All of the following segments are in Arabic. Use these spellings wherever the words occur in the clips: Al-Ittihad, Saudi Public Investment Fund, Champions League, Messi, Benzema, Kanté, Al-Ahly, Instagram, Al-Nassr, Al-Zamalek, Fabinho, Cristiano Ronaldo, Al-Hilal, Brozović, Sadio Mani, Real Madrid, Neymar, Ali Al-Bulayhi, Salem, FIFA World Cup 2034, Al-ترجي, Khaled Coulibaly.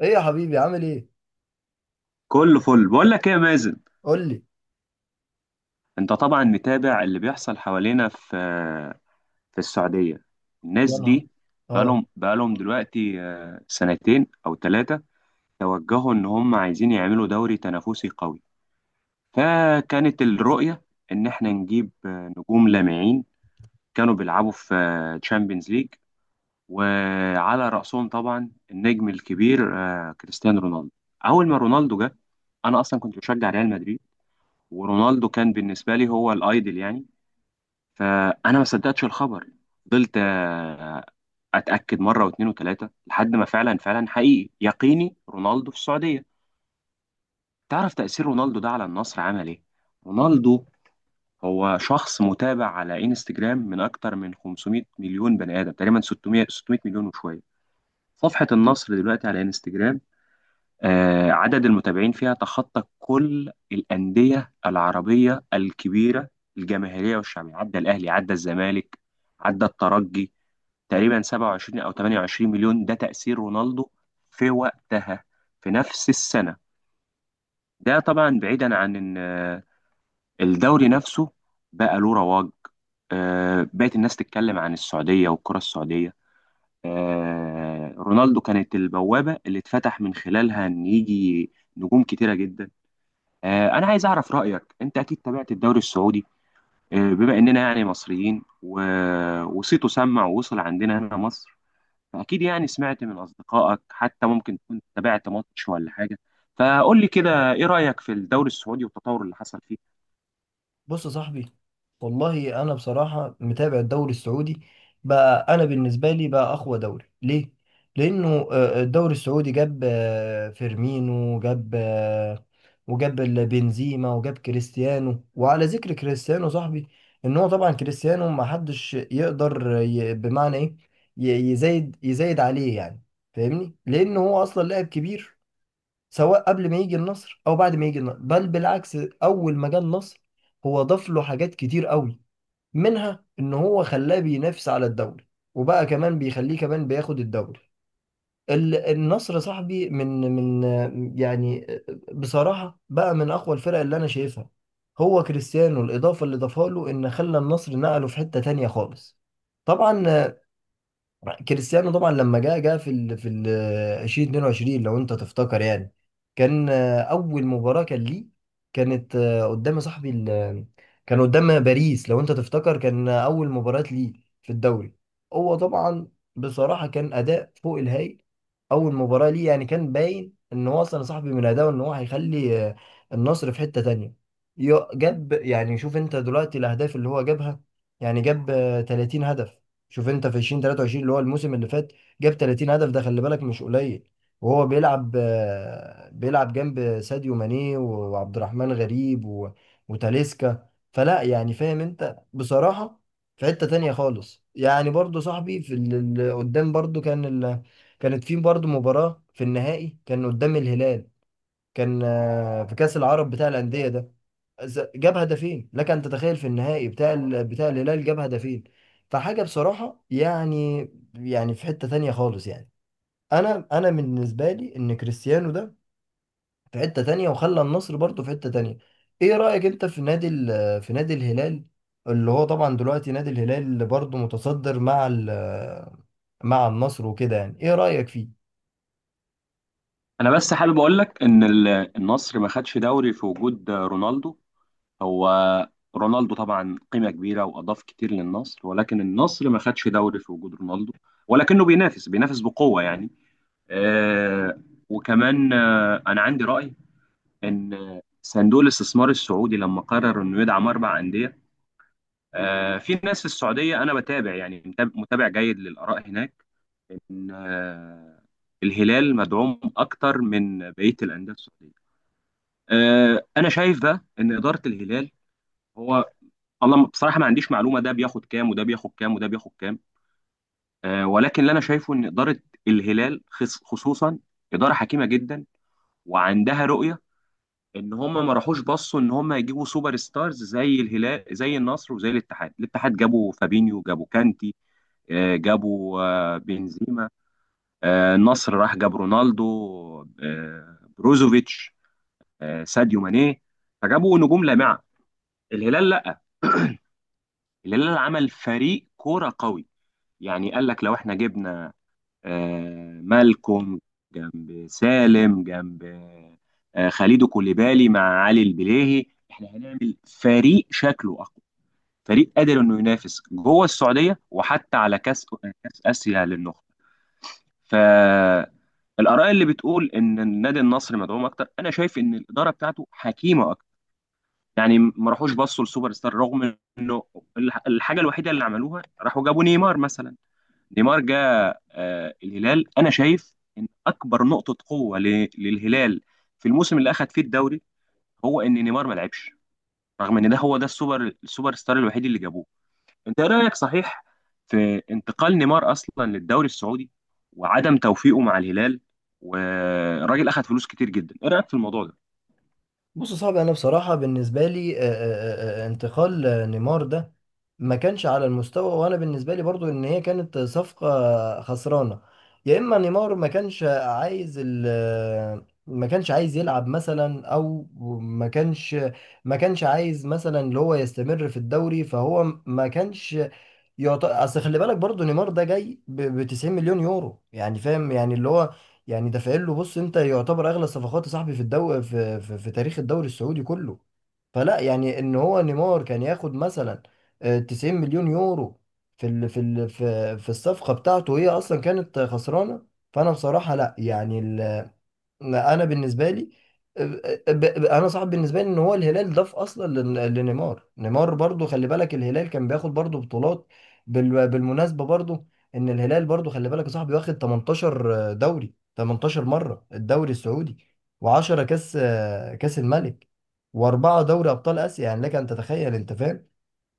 ايه يا حبيبي، عامل ايه؟ كله فل، بقول لك ايه يا مازن؟ قول لي. انت طبعا متابع اللي بيحصل حوالينا في السعودية. يا الناس نهار دي اه. بقالهم دلوقتي، سنتين او ثلاثة. توجهوا ان هم عايزين يعملوا دوري تنافسي قوي، فكانت الرؤية ان احنا نجيب نجوم لامعين كانوا بيلعبوا في تشامبيونز ليج، وعلى رأسهم طبعا النجم الكبير، كريستيانو رونالدو. اول ما رونالدو جه، انا اصلا كنت بشجع ريال مدريد، ورونالدو كان بالنسبة لي هو الايدل يعني. فانا ما صدقتش الخبر، فضلت اتاكد مرة واثنين وثلاثة لحد ما فعلا فعلا حقيقي يقيني رونالدو في السعودية. تعرف تأثير رونالدو ده على النصر عمل ايه؟ رونالدو هو شخص متابع على انستجرام من اكتر من 500 مليون بني ادم، تقريبا 600 مليون وشوية. صفحة النصر دلوقتي على انستجرام، عدد المتابعين فيها تخطى كل الأندية العربية الكبيرة الجماهيرية والشعبية، عدى الأهلي، عدى الزمالك، عدى الترجي، تقريبا 27 أو 28 مليون. ده تأثير رونالدو في وقتها، في نفس السنة. ده طبعا بعيدا عن إن، الدوري نفسه بقى له رواج، بقت الناس تتكلم عن السعودية والكرة السعودية. آه، رونالدو كانت البوابة اللي اتفتح من خلالها إن يجي نجوم كتيرة جدا. انا عايز اعرف رايك، انت اكيد تابعت الدوري السعودي، بما اننا يعني مصريين وصيته سمع ووصل عندنا هنا مصر، فاكيد يعني سمعت من اصدقائك، حتى ممكن تكون تابعت ماتش ولا حاجه. فقول لي كده، ايه رايك في الدوري السعودي والتطور اللي حصل فيه؟ بص يا صاحبي، والله انا بصراحه متابع الدوري السعودي. بقى انا بالنسبه لي بقى اقوى دوري. ليه؟ لانه الدوري السعودي جاب فيرمينو، جاب وجاب بنزيما، وجاب كريستيانو. وعلى ذكر كريستيانو صاحبي، ان هو طبعا كريستيانو ما حدش يقدر بمعنى ايه، يزايد عليه يعني. فاهمني؟ لان هو اصلا لاعب كبير، سواء قبل ما يجي النصر او بعد ما يجي النصر. بل بالعكس، اول ما جه النصر هو ضاف له حاجات كتير قوي. منها ان هو خلاه بينافس على الدوري، وبقى كمان بيخليه كمان بياخد الدوري. النصر صاحبي من يعني بصراحة بقى من اقوى الفرق اللي انا شايفها. هو كريستيانو الاضافة اللي ضافها له ان خلى النصر نقله في حتة تانية خالص. طبعا كريستيانو طبعا لما جه في 2022، لو انت تفتكر يعني، كان اول مباراة كان ليه، كانت قدام صاحبي كان قدام باريس. لو انت تفتكر كان اول مباراة ليه في الدوري. هو طبعا بصراحة كان اداء فوق الهايل. اول مباراة ليه يعني كان باين ان هو اصلا صاحبي من اداؤه ان هو هيخلي النصر في حتة تانية. جاب يعني، شوف انت دلوقتي الاهداف اللي هو جابها. يعني جاب 30 هدف. شوف انت في 2023 اللي هو الموسم اللي فات جاب 30 هدف، ده خلي بالك مش قليل. وهو بيلعب بيلعب جنب ساديو ماني وعبد الرحمن غريب وتاليسكا. فلا يعني، فاهم انت؟ بصراحة في حتة تانية خالص يعني. برضو صاحبي في اللي قدام، برضو كان كانت في برضو مباراة في النهائي كان قدام الهلال، كان في كأس العرب بتاع الأندية ده. جاب هدفين، لك أن تتخيل! في النهائي بتاع الهلال جاب هدفين. فحاجة بصراحة يعني، يعني في حتة تانية خالص يعني. أنا بالنسبة لي إن كريستيانو ده في حتة تانية، وخلى النصر برضه في حتة تانية. إيه رأيك أنت في في نادي الهلال؟ اللي هو طبعا دلوقتي نادي الهلال برضه متصدر مع مع النصر وكده. يعني إيه رأيك فيه؟ انا بس حابب اقول لك ان النصر ما خدش دوري في وجود رونالدو. هو رونالدو طبعا قيمة كبيرة وأضاف كتير للنصر، ولكن النصر ما خدش دوري في وجود رونالدو، ولكنه بينافس بقوة يعني. آه وكمان أنا عندي رأي إن صندوق الاستثمار السعودي لما قرر إنه يدعم 4 أندية. في ناس في السعودية أنا بتابع يعني متابع جيد للآراء هناك، إن الهلال مدعوم أكتر من بقية الأندية السعودية. أنا شايف بقى إن إدارة الهلال، هو والله بصراحة ما عنديش معلومة ده بياخد كام وده بياخد كام وده بياخد كام. ولكن اللي أنا شايفه إن إدارة الهلال خصوصا إدارة حكيمة جدا وعندها رؤية. إن هم ما راحوش بصوا إن هم يجيبوا سوبر ستارز زي الهلال زي النصر وزي الاتحاد. الاتحاد جابوا فابينيو، جابوا كانتي، جابوا بنزيما. النصر راح جاب رونالدو، بروزوفيتش، ساديو ماني. فجابوا نجوم لامعة. الهلال لا، الهلال عمل فريق كورة قوي. يعني قال لك لو احنا جبنا مالكوم جنب سالم، جنب خليدو كوليبالي مع علي البليهي، احنا هنعمل فريق شكله اقوى، فريق قادر انه ينافس جوه السعوديه وحتى على كاس اسيا للنخبه. فالاراء اللي بتقول ان النادي النصر مدعوم اكتر، انا شايف ان الاداره بتاعته حكيمه اكتر، يعني ما راحوش بصوا لسوبر ستار. رغم انه الحاجه الوحيده اللي عملوها راحوا جابوا نيمار مثلا. نيمار جاء الهلال، انا شايف ان اكبر نقطه قوه للهلال في الموسم اللي اخذ فيه الدوري، هو ان نيمار ما لعبش، رغم ان ده هو ده السوبر ستار الوحيد اللي جابوه. انت ايه رايك صحيح في انتقال نيمار اصلا للدوري السعودي، وعدم توفيقه مع الهلال، والراجل اخذ فلوس كتير جدا؟ ايه رايك في الموضوع ده؟ بص صعب. انا بصراحه بالنسبه لي انتقال نيمار ده ما كانش على المستوى. وانا بالنسبه لي برضو ان هي كانت صفقه خسرانه. يا اما نيمار ما كانش عايز يلعب مثلا، او ما كانش ما كانش عايز مثلا اللي هو يستمر في الدوري. فهو ما كانش اصل خلي بالك برضو نيمار ده جاي ب 90 مليون يورو. يعني فاهم يعني اللي هو يعني دافعين له، بص انت، يعتبر اغلى صفقات يا صاحبي في تاريخ الدوري السعودي كله. فلا يعني ان هو نيمار كان ياخد مثلا 90 مليون يورو في الصفقة بتاعته. هي اصلا كانت خسرانة. فانا بصراحة لا يعني، ما انا بالنسبه لي انا صعب بالنسبه لي ان هو الهلال ضاف اصلا لنيمار. نيمار برضو خلي بالك، الهلال كان بياخد برضو بطولات، بالمناسبه برضو، ان الهلال برضو خلي بالك يا صاحبي واخد 18 دوري، 18 مره الدوري السعودي، و10 كاس، كاس الملك، واربعه دوري ابطال اسيا. يعني لك ان تتخيل انت، فاهم؟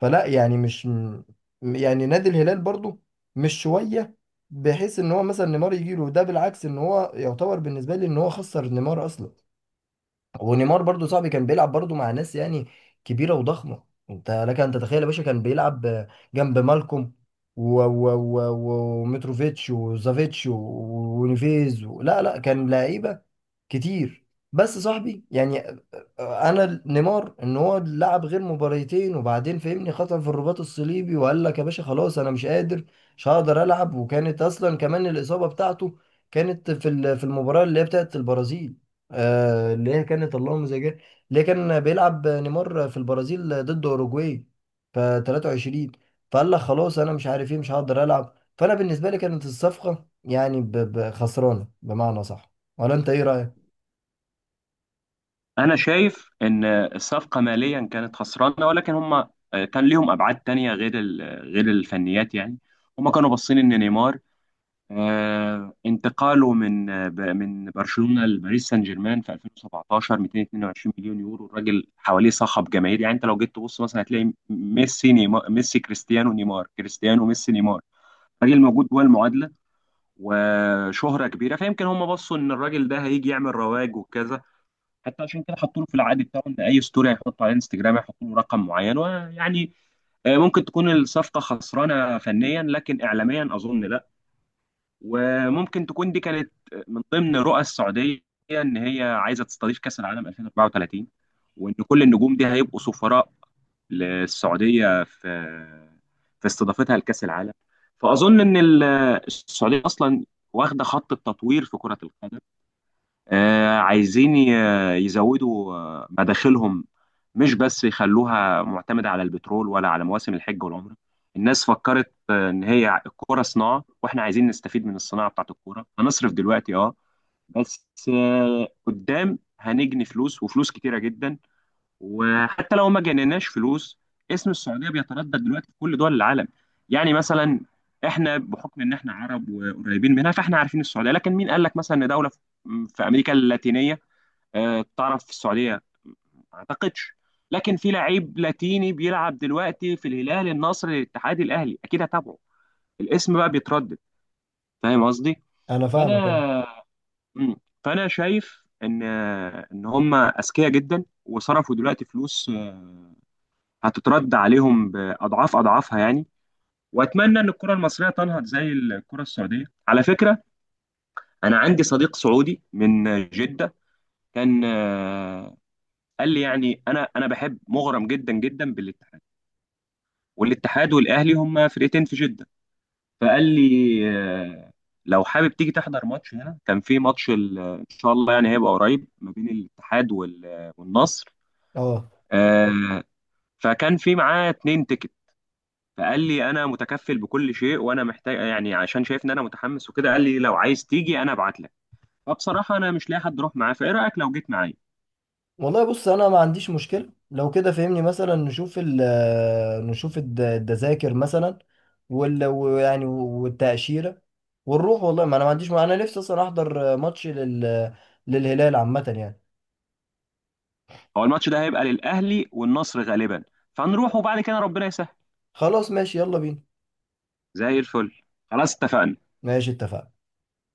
فلا يعني مش م- يعني نادي الهلال برضو مش شوية، بحيث ان هو مثلا نيمار يجيله. ده بالعكس، ان هو يعتبر بالنسبة لي ان هو خسر نيمار اصلا. ونيمار برضو صاحبي كان بيلعب برضو مع ناس يعني كبيرة وضخمة. انت لك ان تتخيل يا باشا، كان بيلعب جنب مالكوم و ومتروفيتش وزافيتش و ونيفيز لا لا، كان لعيبة كتير. بس صاحبي يعني، انا نيمار ان هو لعب غير مباريتين وبعدين فهمني خطأ في الرباط الصليبي، وقال لك يا باشا خلاص انا مش قادر، مش هقدر العب. وكانت اصلا كمان الاصابة بتاعته كانت في المباراة اللي هي بتاعت البرازيل. اللي هي كانت اللهم زي اللي هي كان بيلعب نيمار في البرازيل ضد اوروجواي في 23. فقال لك خلاص انا مش عارف ايه، مش هقدر العب. فانا بالنسبة لي كانت الصفقة يعني خسرانة بمعنى صح. ولا انت ايه رأيك؟ انا شايف ان الصفقه ماليا كانت خسرانه، ولكن هم كان ليهم ابعاد تانية غير غير الفنيات يعني. هم كانوا باصين ان نيمار، انتقاله من برشلونة لباريس سان جيرمان في 2017، 222 مليون يورو. الراجل حواليه صخب جماهيري يعني، انت لو جيت تبص مثلا هتلاقي ميسي نيمار، ميسي كريستيانو، نيمار كريستيانو، ميسي نيمار. الراجل موجود جوه المعادلة وشهرة كبيرة. فيمكن هم بصوا ان الراجل ده هيجي يعمل رواج وكذا، حتى عشان كده حطوا له في العقد بتاعه ان اي ستوري هيحطه على انستجرام هيحطوا له رقم معين ويعني، ممكن تكون الصفقة خسرانة فنيا لكن اعلاميا اظن لا. وممكن تكون دي كانت من ضمن رؤى السعودية، إن هي عايزة تستضيف كأس العالم 2034، وإن كل النجوم دي هيبقوا سفراء للسعودية في استضافتها لكأس العالم. فأظن إن السعودية أصلا واخدة خط التطوير في كرة القدم، عايزين يزودوا مداخلهم، مش بس يخلوها معتمدة على البترول ولا على مواسم الحج والعمرة. الناس فكرت إن هي الكورة صناعة، وإحنا عايزين نستفيد من الصناعة بتاعت الكورة. هنصرف دلوقتي بس قدام هنجني فلوس وفلوس كتيرة جدا. وحتى لو ما جنيناش فلوس، اسم السعوديه بيتردد دلوقتي في كل دول العالم. يعني مثلا احنا بحكم ان احنا عرب وقريبين منها، فاحنا عارفين السعوديه، لكن مين قال لك مثلا ان دوله في امريكا اللاتينيه، تعرف السعوديه؟ ما اعتقدش. لكن في لعيب لاتيني بيلعب دلوقتي في الهلال، النصر، الاتحاد، الاهلي، اكيد هتابعه. الاسم بقى بيتردد. فاهم قصدي؟ انا فاهمك اه. فانا مم. فانا شايف ان هم اذكياء جدا، وصرفوا دلوقتي فلوس هتترد عليهم باضعاف اضعافها يعني. واتمنى ان الكره المصريه تنهض زي الكره السعوديه، على فكره. انا عندي صديق سعودي من جده، كان قال لي يعني، انا بحب مغرم جدا جدا بالاتحاد، والاتحاد والاهلي هم فرقتين في جده. فقال لي لو حابب تيجي تحضر ماتش هنا، كان في ماتش ان شاء الله يعني هيبقى قريب ما بين الاتحاد والنصر. اه آه، فكان في معاه 2 تيكت. فقال لي انا متكفل بكل شيء وانا محتاج يعني عشان شايف ان انا متحمس وكده، قال لي لو عايز تيجي انا ابعت لك. فبصراحه انا مش لاقي حد اروح معاه، فايه رايك لو جيت معايا؟ والله، بص انا ما عنديش مشكله. لو كده فهمني مثلا نشوف ال آه، نشوف التذاكر مثلا، ويعني والتاشيره، ونروح. والله ما انا ما عنديش، ما انا نفسي اصلا احضر ماتش للهلال عامه يعني. هو الماتش ده هيبقى للاهلي والنصر غالبا، فهنروح وبعد كده ربنا يسهل. خلاص ماشي، يلا بينا. زي الفل، خلاص اتفقنا. ماشي اتفقنا.